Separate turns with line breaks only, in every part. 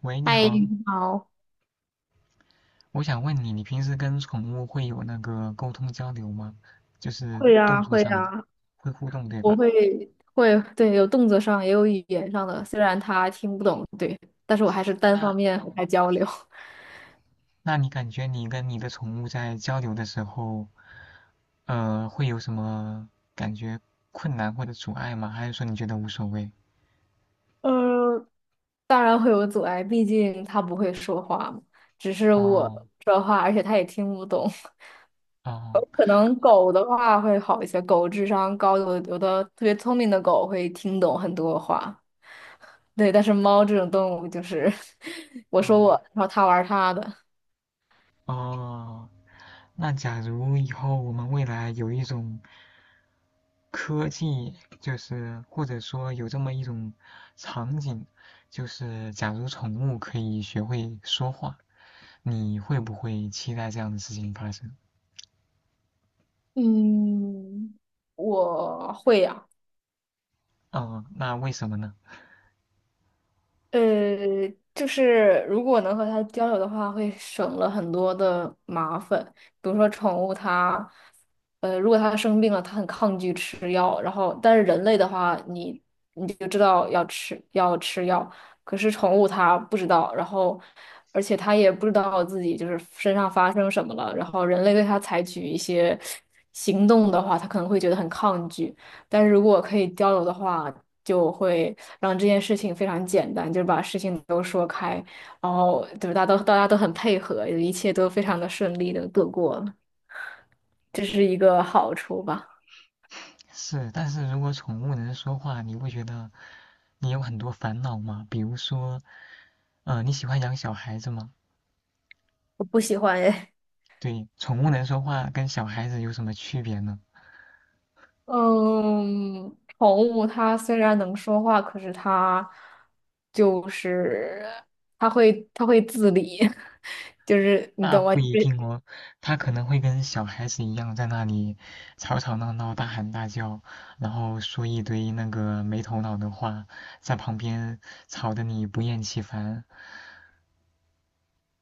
喂，你
嗨，
好，
你好。
我想问你，你平时跟宠物会有那个沟通交流吗？就是
会
动
啊，
作
会
上的，
啊，
会互动，对
我
吧？
会会，对，有动作上也有语言上的，虽然它听不懂，对，但是我还是单
那
方面和
哦，
它交流。
那你感觉你跟你的宠物在交流的时候，会有什么感觉困难或者阻碍吗？还是说你觉得无所谓？
呃，当然会有阻碍，毕竟它不会说话嘛，只是我
哦
说话，而且它也听不懂。有
哦
可能狗的话会好一些，狗智商高，有的特别聪明的狗会听懂很多话，对，但是猫这种动物就是 我说
哦
我，然后它玩它的。
哦，那假如以后我们未来有一种科技就是或者说有这么一种场景，就是假如宠物可以学会说话，你会不会期待这样的事情发生？
嗯，我会呀。
嗯，那为什么呢？
呃，就是如果能和它交流的话，会省了很多的麻烦。比如说宠物它，如果它生病了，它很抗拒吃药，然后但是人类的话，你就知道要吃药，可是宠物它不知道，然后而且它也不知道自己就是身上发生什么了，然后人类对它采取一些行动的话，它可能会觉得很抗拒。但是如果可以交流的话，就会让这件事情非常简单，就是把事情都说开，然后就是大家都很配合，一切都非常的顺利的度过了，这是一个好处吧。
是，但是如果宠物能说话，你会觉得你有很多烦恼吗？比如说，嗯，你喜欢养小孩子吗？
我不喜欢哎。
对，宠物能说话跟小孩子有什么区别呢？
嗯，宠物它虽然能说话，可是它就是它会自理，就是你
那
懂吗？
不
就
一
是
定哦，他可能会跟小孩子一样在那里吵吵闹闹、大喊大叫，然后说一堆那个没头脑的话，在旁边吵得你不厌其烦。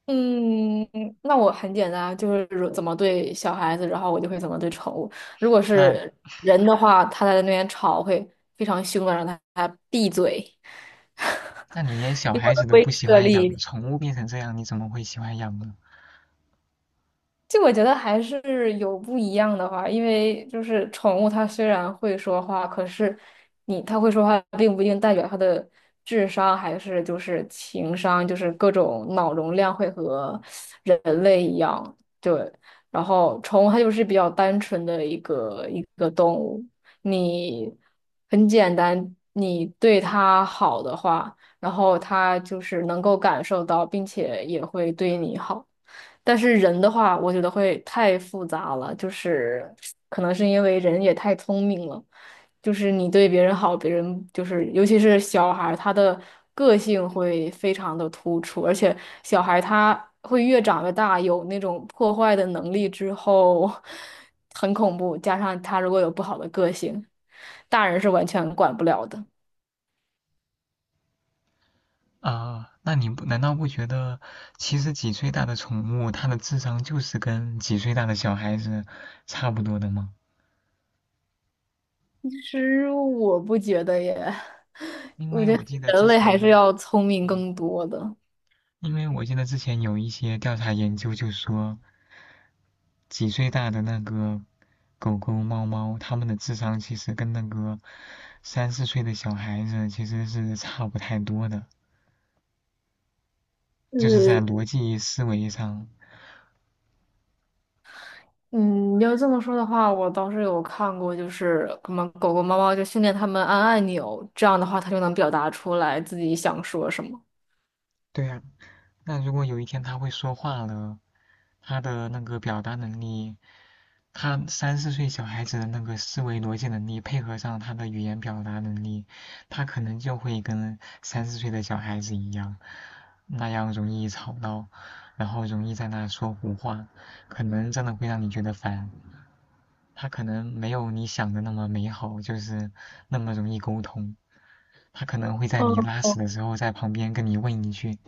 嗯，那我很简单，就是如怎么对小孩子，然后我就会怎么对宠物。如果
那
是人的话，他在那边吵会非常凶的，让他闭嘴。
那你连小
以我
孩子
的
都
威
不喜
慑
欢养，
力
宠物变成这样，你怎么会喜欢养呢？
就我觉得还是有不一样的话，因为就是宠物它虽然会说话，可是你它会说话，并不一定代表它的智商还是就是情商，就是各种脑容量会和人类一样。对，然后宠物它就是比较单纯的一个动物，你很简单，你对它好的话，然后它就是能够感受到，并且也会对你好。但是人的话，我觉得会太复杂了，就是可能是因为人也太聪明了，就是你对别人好，别人就是尤其是小孩儿，他的个性会非常的突出，而且小孩他会越长越大，有那种破坏的能力之后，很恐怖，加上他如果有不好的个性，大人是完全管不了的。
啊、那你不难道不觉得，其实几岁大的宠物，它的智商就是跟几岁大的小孩子差不多的吗？
其实我不觉得耶，
因为我记得
人
之
类还是
前，
要聪明
嗯，
更多的。
因为我记得之前有一些调查研究就说，几岁大的那个狗狗、猫猫，它们的智商其实跟那个三四岁的小孩子其实是差不太多的，就是在
呃，
逻辑思维上。
嗯，要这么说的话，我倒是有看过，就是什么狗狗、猫猫就训练它们按按钮，这样的话它就能表达出来自己想说什么。
对啊，那如果有一天它会说话了，它的那个表达能力他三四岁小孩子的那个思维逻辑能力，配合上他的语言表达能力，他可能就会跟三四岁的小孩子一样，那样容易吵闹，然后容易在那说胡话，可能真的会让你觉得烦。他可能没有你想的那么美好，就是那么容易沟通。他可能会在
嗯，
你拉屎
哦，
的时候，在旁边跟你问一句：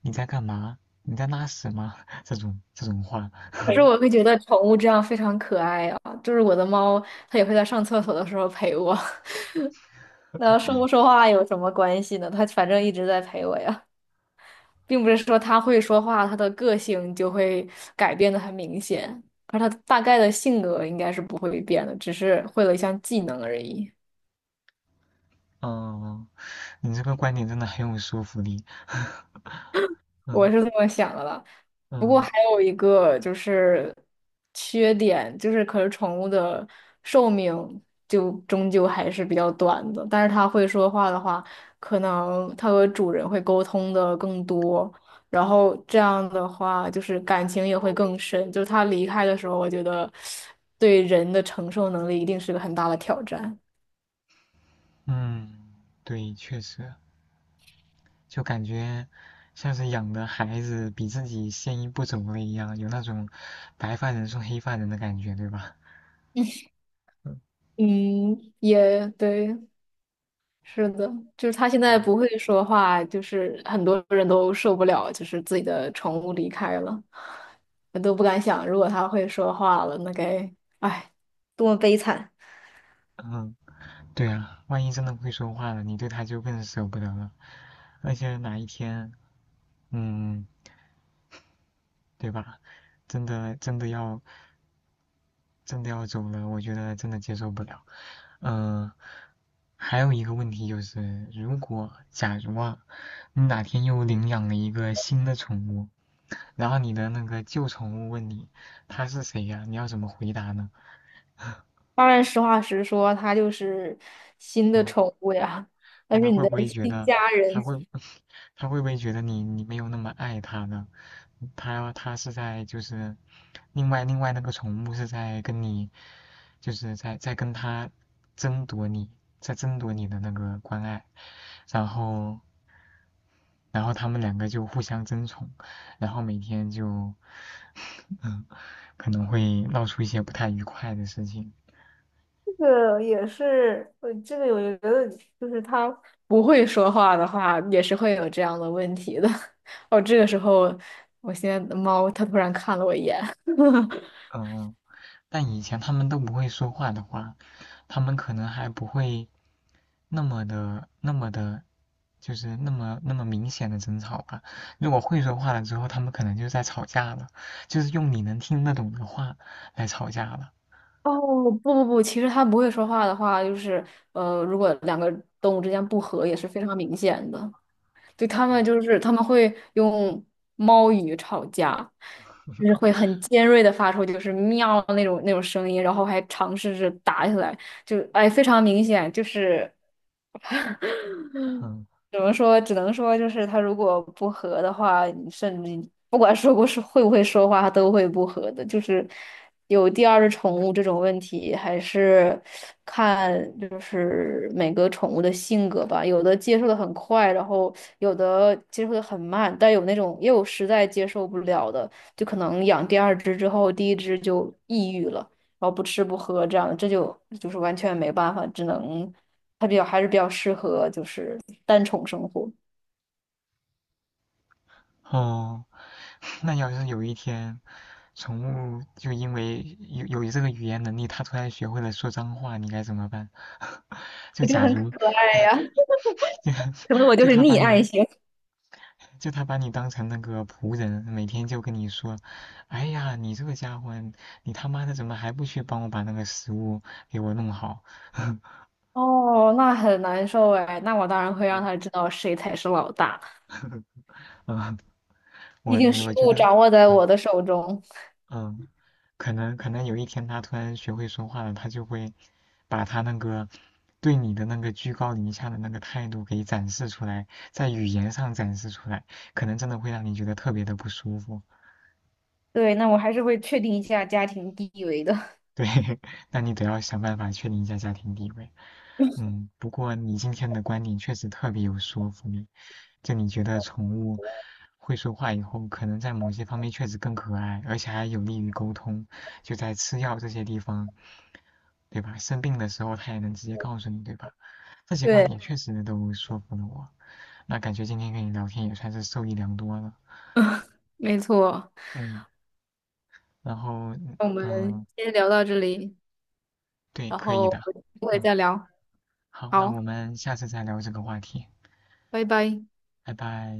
“你在干嘛？你在拉屎吗？”这种话。
可是我会觉得宠物这样非常可爱啊，就是我的猫，它也会在上厕所的时候陪我。那说不说话有什么关系呢？它反正一直在陪我呀，并不是说它会说话，它的个性就会改变的很明显，而它大概的性格应该是不会变的，只是会了一项技能而已。
嗯，你这个观点真的很有说服力。
我
嗯
是这么想的啦。不过
嗯
还有一个就是缺点，就是可是宠物的寿命就终究还是比较短的。但是它会说话的话，可能它和主人会沟通的更多，然后这样的话就是感情也会更深。就是它离开的时候，我觉得对人的承受能力一定是个很大的挑战。
嗯，对，确实，就感觉像是养的孩子比自己先一步走了一样，有那种白发人送黑发人的感觉，对吧？
嗯，也对。是的，就是它现在
嗯
不会说话，就是很多人都受不了，就是自己的宠物离开了，我都不敢想，如果它会说话了，那该，哎，多么悲惨！
嗯，对啊，万一真的会说话了，你对他就更舍不得了。而且哪一天，嗯，对吧？真的真的要真的要走了，我觉得真的接受不了。嗯、还有一个问题就是，如果假如啊，你哪天又领养了一个新的宠物，然后你的那个旧宠物问你它是谁呀、你要怎么回答呢？
当然，实话实说，它就是新的
嗯，
宠物呀，
看
但
他
是你
会
的
不会觉
新
得，
家
他
人。
会，他会不会觉得你没有那么爱他呢？他是在就是，另外那个宠物是在跟你，就是在跟他争夺你，在争夺你的那个关爱，然后他们两个就互相争宠，然后每天就，嗯，可能会闹出一些不太愉快的事情，
这个也是，这个我觉得就是它，不会说话的话，也是会有这样的问题的。哦，这个时候，我现在的猫它突然看了我一眼，
嗯，但以前他们都不会说话的话。他们可能还不会，那么的，就是那么明显的争吵吧。如果会说话了之后，他们可能就在吵架了，就是用你能听得懂的话来吵架了。
哦，不不不，其实它不会说话的话，就是如果两个动物之间不和也是非常明显的。对，它们就是他们会用猫语吵架，就是会很尖锐的发出就是喵那种声音，然后还尝试着打起来，就哎非常明显，就是
嗯，
怎么说？只能说就是它如果不和的话，你甚至你不管说不是会不会说话，它都会不和的。就是有第二只宠物这种问题，还是看就是每个宠物的性格吧。有的接受的很快，然后有的接受的很慢，但有那种也有实在接受不了的，就可能养第二只之后，第一只就抑郁了，然后不吃不喝这样，这就是完全没办法，只能。它比较还是比较适合就是单宠生活。
哦，那要是有一天，宠物就因为有这个语言能力，它突然学会了说脏话，你该怎么办？就
我觉得
假
很可
如
爱呀，
就
可能我就
就
是
它把
溺爱
你
型。
就他把你当成那个仆人，每天就跟你说：“哎呀，你这个家伙，你他妈的怎么还不去帮我把那个食物给我弄好？”
哦，那很难受哎，那我当然会让他知道谁才是老大，
嗯，
毕
我
竟事
我觉
物
得，
掌握在我
嗯
的手中。
嗯，可能有一天他突然学会说话了，他就会把他那个对你的那个居高临下的那个态度给展示出来，在语言上展示出来，可能真的会让你觉得特别的不舒服。
对，那我还是会确定一下家庭地位的。
对，那你得要想办法确定一下家庭地位。嗯，不过你今天的观点确实特别有说服力，就你觉得宠物会说话以后，可能在某些方面确实更可爱，而且还有利于沟通，就在吃药这些地方，对吧？生病的时候它也能直接告诉你，对吧？这些观
对，
点确实都说服了我，那感觉今天跟你聊天也算是受益良多了。
没错。
嗯，然后
那我们
嗯，
先聊到这里，
对，
然
可以
后
的。
有机会
嗯。
再聊。
好，那
好，
我们下次再聊这个话题，
拜拜。
拜拜。